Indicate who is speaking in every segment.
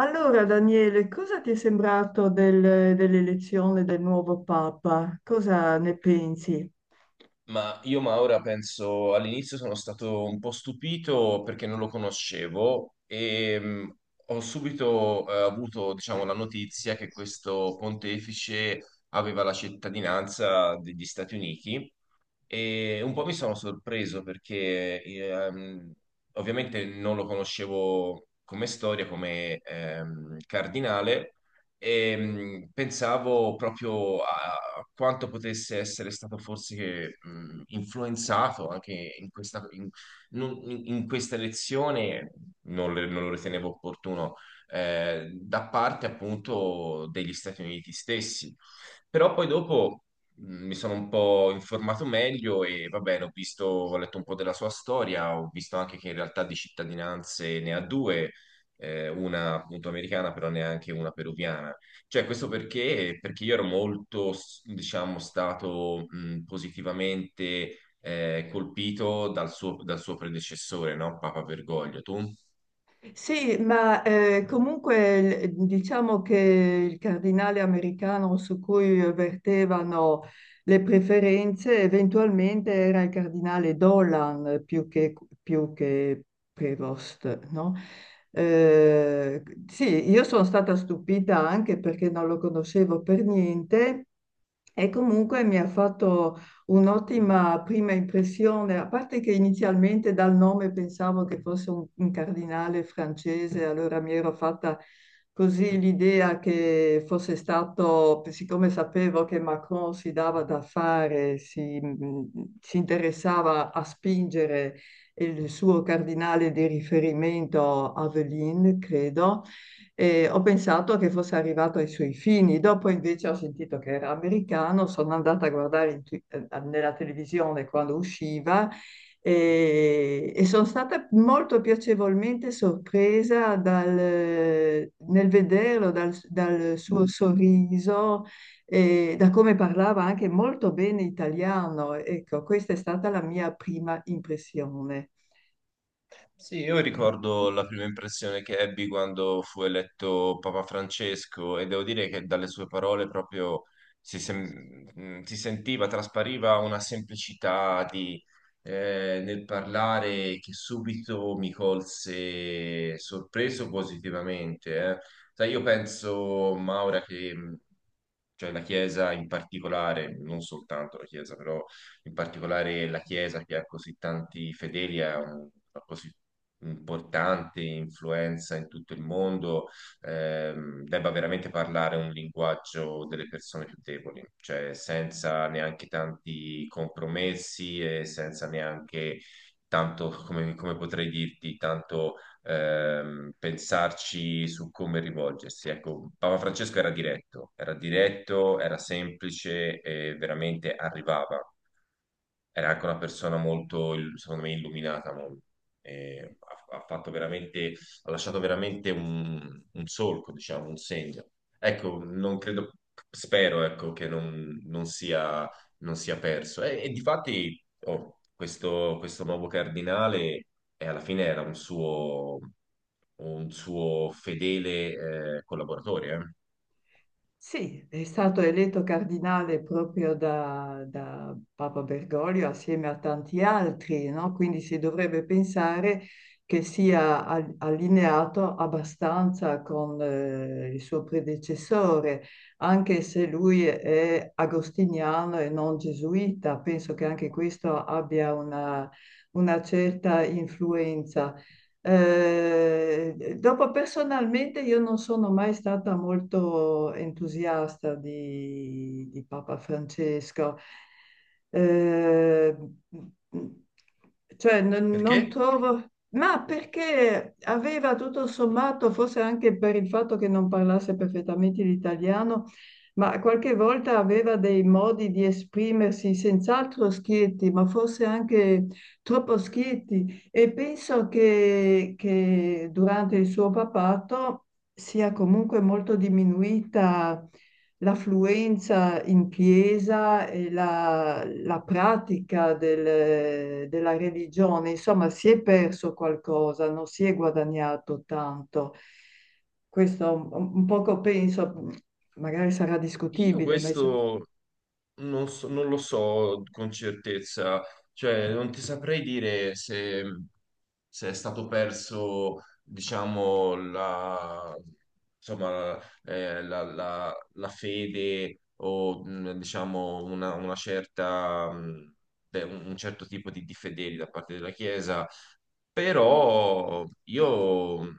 Speaker 1: Allora, Daniele, cosa ti è sembrato dell'elezione del nuovo Papa? Cosa ne pensi?
Speaker 2: Ma io Maura penso all'inizio sono stato un po' stupito perché non lo conoscevo e ho subito avuto, diciamo, la notizia che questo pontefice aveva la cittadinanza degli Stati Uniti e un po' mi sono sorpreso perché ovviamente non lo conoscevo come storia, come cardinale, e pensavo proprio a quanto potesse essere stato forse influenzato anche in questa, in, non- in- in questa elezione, non lo ritenevo opportuno, da parte appunto degli Stati Uniti stessi. Però poi dopo mi sono un po' informato meglio e va bene, ho visto, ho letto un po' della sua storia, ho visto anche che in realtà di cittadinanze ne ha due, una appunto americana, però neanche una peruviana. Cioè, questo perché? Perché io ero diciamo, stato positivamente colpito dal suo predecessore, no? Papa Bergoglio. Tu?
Speaker 1: Sì, ma comunque diciamo che il cardinale americano su cui vertevano le preferenze eventualmente era il cardinale Dolan più che Prevost, no? Eh, sì, io sono stata stupita anche perché non lo conoscevo per niente. E comunque mi ha fatto un'ottima prima impressione, a parte che inizialmente dal nome pensavo che fosse un cardinale francese, allora mi ero fatta così l'idea che fosse stato, siccome sapevo che Macron si dava da fare, si interessava a spingere il suo cardinale di riferimento, Aveline, credo, e ho pensato che fosse arrivato ai suoi fini. Dopo invece ho sentito che era americano, sono andata a guardare in nella televisione quando usciva e sono stata molto piacevolmente sorpresa nel vederlo, dal suo sorriso e da come parlava anche molto bene italiano. Ecco, questa è stata la mia prima impressione.
Speaker 2: Sì, io ricordo la prima impressione che ebbi quando fu eletto Papa Francesco e devo dire che dalle sue parole proprio si sentiva, traspariva una semplicità di, nel parlare che subito mi colse sorpreso positivamente. Sai, io penso, Maura, che cioè la Chiesa in particolare, non soltanto la Chiesa, però in particolare la Chiesa che ha così tanti fedeli, una così importante influenza in tutto il mondo, debba veramente parlare un linguaggio delle persone più deboli, cioè senza neanche tanti compromessi e senza neanche tanto, come, come potrei dirti, tanto pensarci su come rivolgersi. Ecco, Papa Francesco era diretto, era diretto, era semplice e veramente arrivava. Era anche una persona molto, secondo me, illuminata. Mo- e ha fatto veramente, ha lasciato veramente un solco, diciamo, un segno. Ecco, non credo, spero, ecco, che non, non sia, non sia perso. E difatti, oh, questo nuovo cardinale e alla fine era un suo fedele collaboratore.
Speaker 1: Sì, è stato eletto cardinale proprio da Papa Bergoglio assieme a tanti altri, no? Quindi si dovrebbe pensare che sia allineato abbastanza con il suo predecessore, anche se lui è agostiniano e non gesuita. Penso che anche questo abbia una certa influenza. Dopo personalmente io non sono mai stata molto entusiasta di Papa Francesco. Eh, cioè non
Speaker 2: Perché
Speaker 1: trovo, ma perché aveva tutto sommato, forse anche per il fatto che non parlasse perfettamente l'italiano, ma qualche volta aveva dei modi di esprimersi senz'altro schietti, ma forse anche troppo schietti. E penso che durante il suo papato sia comunque molto diminuita l'affluenza in chiesa e la pratica della religione. Insomma, si è perso qualcosa, non si è guadagnato tanto. Questo un poco penso, magari sarà
Speaker 2: io
Speaker 1: discutibile, ma insomma,
Speaker 2: questo non lo so con certezza, cioè non ti saprei dire se, se è stato perso, diciamo, la, insomma, la fede o diciamo una certa, un certo tipo di fedeli da parte della Chiesa però io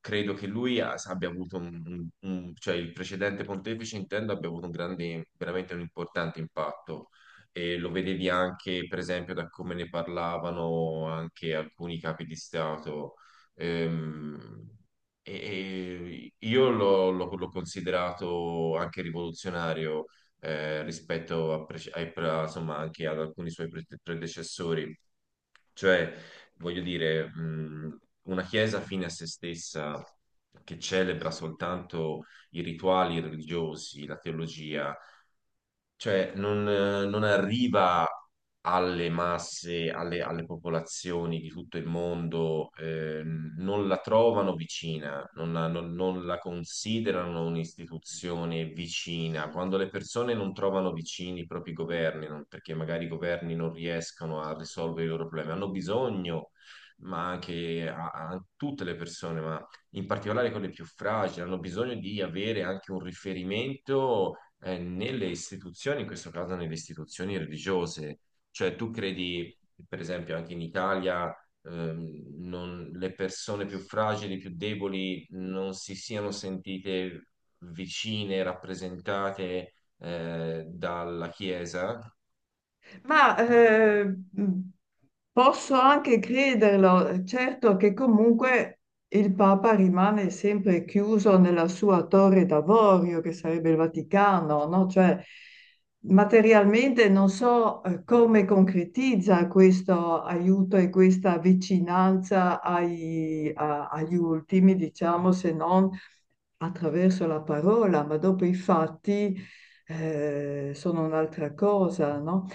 Speaker 2: credo che abbia avuto cioè il precedente pontefice intendo abbia avuto un grande, veramente un importante impatto e lo vedevi anche per esempio da come ne parlavano anche alcuni capi di Stato, Ehm, e, e io l'ho considerato anche rivoluzionario rispetto a, prece- ai- pra- insomma, anche ad alcuni suoi predecessori, cioè, voglio dire, una chiesa fine a se stessa che celebra soltanto i rituali religiosi, la teologia, cioè non, non arriva alle masse, alle popolazioni di tutto il mondo, non la trovano vicina, non la considerano un'istituzione vicina. Quando le persone non trovano vicini i propri governi, perché magari i governi non riescono a risolvere i loro problemi, hanno bisogno, ma anche a tutte le persone, in particolare quelle più fragili, hanno bisogno di avere anche un riferimento nelle istituzioni, in questo caso nelle istituzioni religiose. Cioè, tu credi, per esempio, anche in Italia, le persone più fragili, più deboli, non si siano sentite vicine, rappresentate dalla Chiesa?
Speaker 1: ma posso anche crederlo, certo che comunque il Papa rimane sempre chiuso nella sua torre d'avorio, che sarebbe il Vaticano, no? Cioè, materialmente non so come concretizza questo aiuto e questa vicinanza agli ultimi, diciamo, se non attraverso la parola, ma dopo i fatti sono un'altra cosa, no?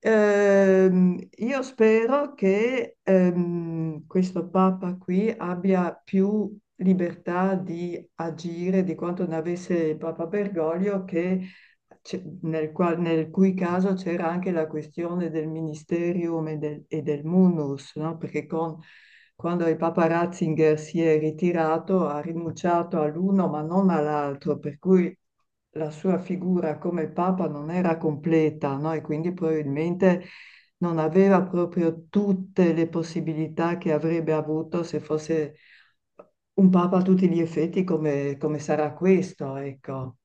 Speaker 1: Io spero che questo Papa qui abbia più libertà di agire di quanto ne avesse il Papa Bergoglio, che, c'è- nel, qual- nel cui caso c'era anche la questione del ministerium e del munus, no? Quando il Papa Ratzinger si è ritirato ha rinunciato all'uno ma non all'altro, per cui la sua figura come papa non era completa, no? E quindi probabilmente non aveva proprio tutte le possibilità che avrebbe avuto se fosse un papa a tutti gli effetti come, come sarà questo, ecco.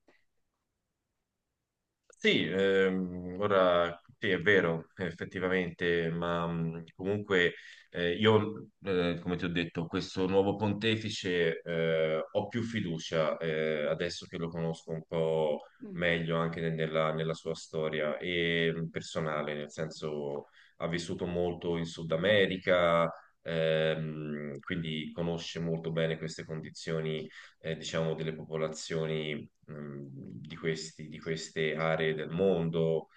Speaker 2: Sì, ora sì, è vero, effettivamente, ma comunque io, come ti ho detto, questo nuovo pontefice ho più fiducia adesso che lo conosco un po' meglio anche nella sua storia e personale, nel senso ha vissuto molto in Sud America, quindi conosce molto bene queste condizioni, diciamo, delle popolazioni di queste aree del mondo.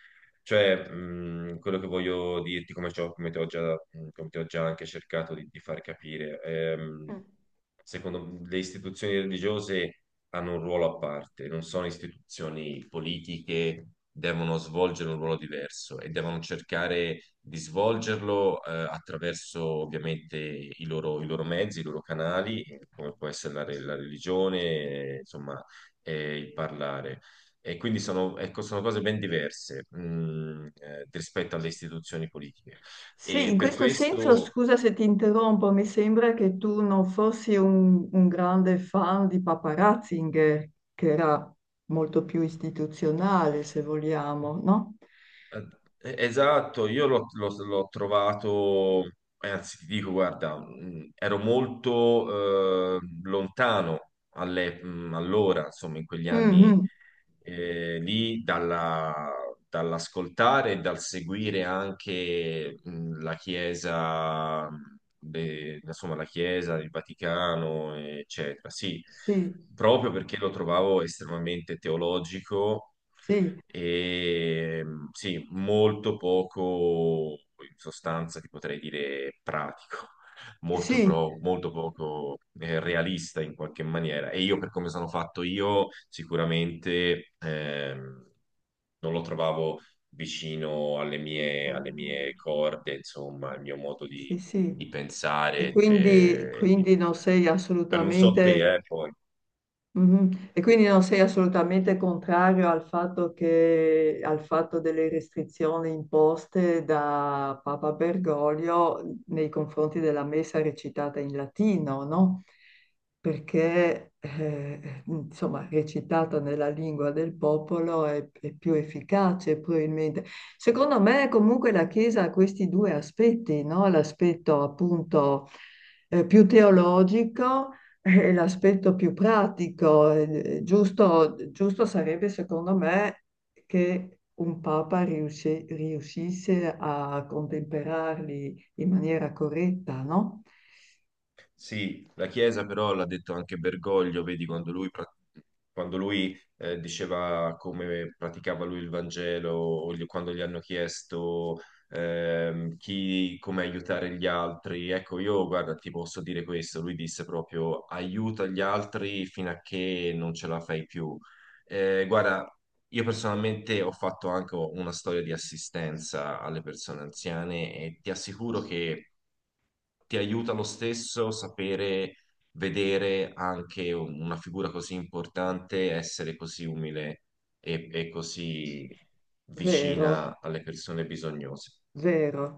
Speaker 2: Cioè, quello che voglio dirti, come ti ho già, come ti ho già anche cercato di far capire, secondo le istituzioni religiose hanno un ruolo a parte, non sono istituzioni politiche, devono svolgere un ruolo diverso e devono cercare di svolgerlo attraverso ovviamente i loro mezzi, i loro canali, come può essere la, la religione, insomma, il parlare. E quindi sono, ecco, sono cose ben diverse, mm, rispetto alle istituzioni politiche.
Speaker 1: Sì,
Speaker 2: E
Speaker 1: in
Speaker 2: per
Speaker 1: questo senso,
Speaker 2: questo
Speaker 1: scusa se ti interrompo, mi sembra che tu non fossi un grande fan di Papa Ratzinger, che era molto più istituzionale, se vogliamo, no?
Speaker 2: Eh, esatto, io l'ho trovato, anzi ti dico, guarda, ero molto lontano allora, insomma, in quegli anni
Speaker 1: Mhm.
Speaker 2: eh, lì, dalla- dall'ascoltare e dal seguire anche la Chiesa, insomma, la Chiesa, il Vaticano, eccetera. Sì,
Speaker 1: Sì,
Speaker 2: proprio perché lo trovavo estremamente teologico
Speaker 1: sì,
Speaker 2: e sì, molto poco, in sostanza ti potrei dire pratico, molto,
Speaker 1: sì.
Speaker 2: molto poco realista in qualche maniera. E io, per come sono fatto io, sicuramente non lo trovavo vicino alle
Speaker 1: Mm.
Speaker 2: mie corde, insomma, al mio modo
Speaker 1: Sì, sì,
Speaker 2: di pensare,
Speaker 1: quindi non sei
Speaker 2: per non so te,
Speaker 1: assolutamente,
Speaker 2: poi.
Speaker 1: mhm. E quindi non sei assolutamente contrario al fatto al fatto delle restrizioni imposte da Papa Bergoglio nei confronti della messa recitata in latino, no? Perché, insomma, recitata nella lingua del popolo è più efficace, probabilmente. Secondo me, comunque, la Chiesa ha questi due aspetti, no? L'aspetto appunto più teologico è l'aspetto più pratico. Giusto, giusto sarebbe, secondo me, che un Papa riuscisse a contemperarli in maniera corretta, no?
Speaker 2: Sì, la Chiesa però l'ha detto anche Bergoglio, vedi, quando lui, diceva come praticava lui il Vangelo, quando gli hanno chiesto come aiutare gli altri, ecco, io guarda, ti posso dire questo, lui disse proprio aiuta gli altri fino a che non ce la fai più. Guarda, io personalmente ho fatto anche una storia di assistenza alle persone anziane e ti assicuro che ti aiuta lo stesso sapere vedere anche una figura così importante, essere così umile e così
Speaker 1: Vero,
Speaker 2: vicina alle persone bisognose.
Speaker 1: vero.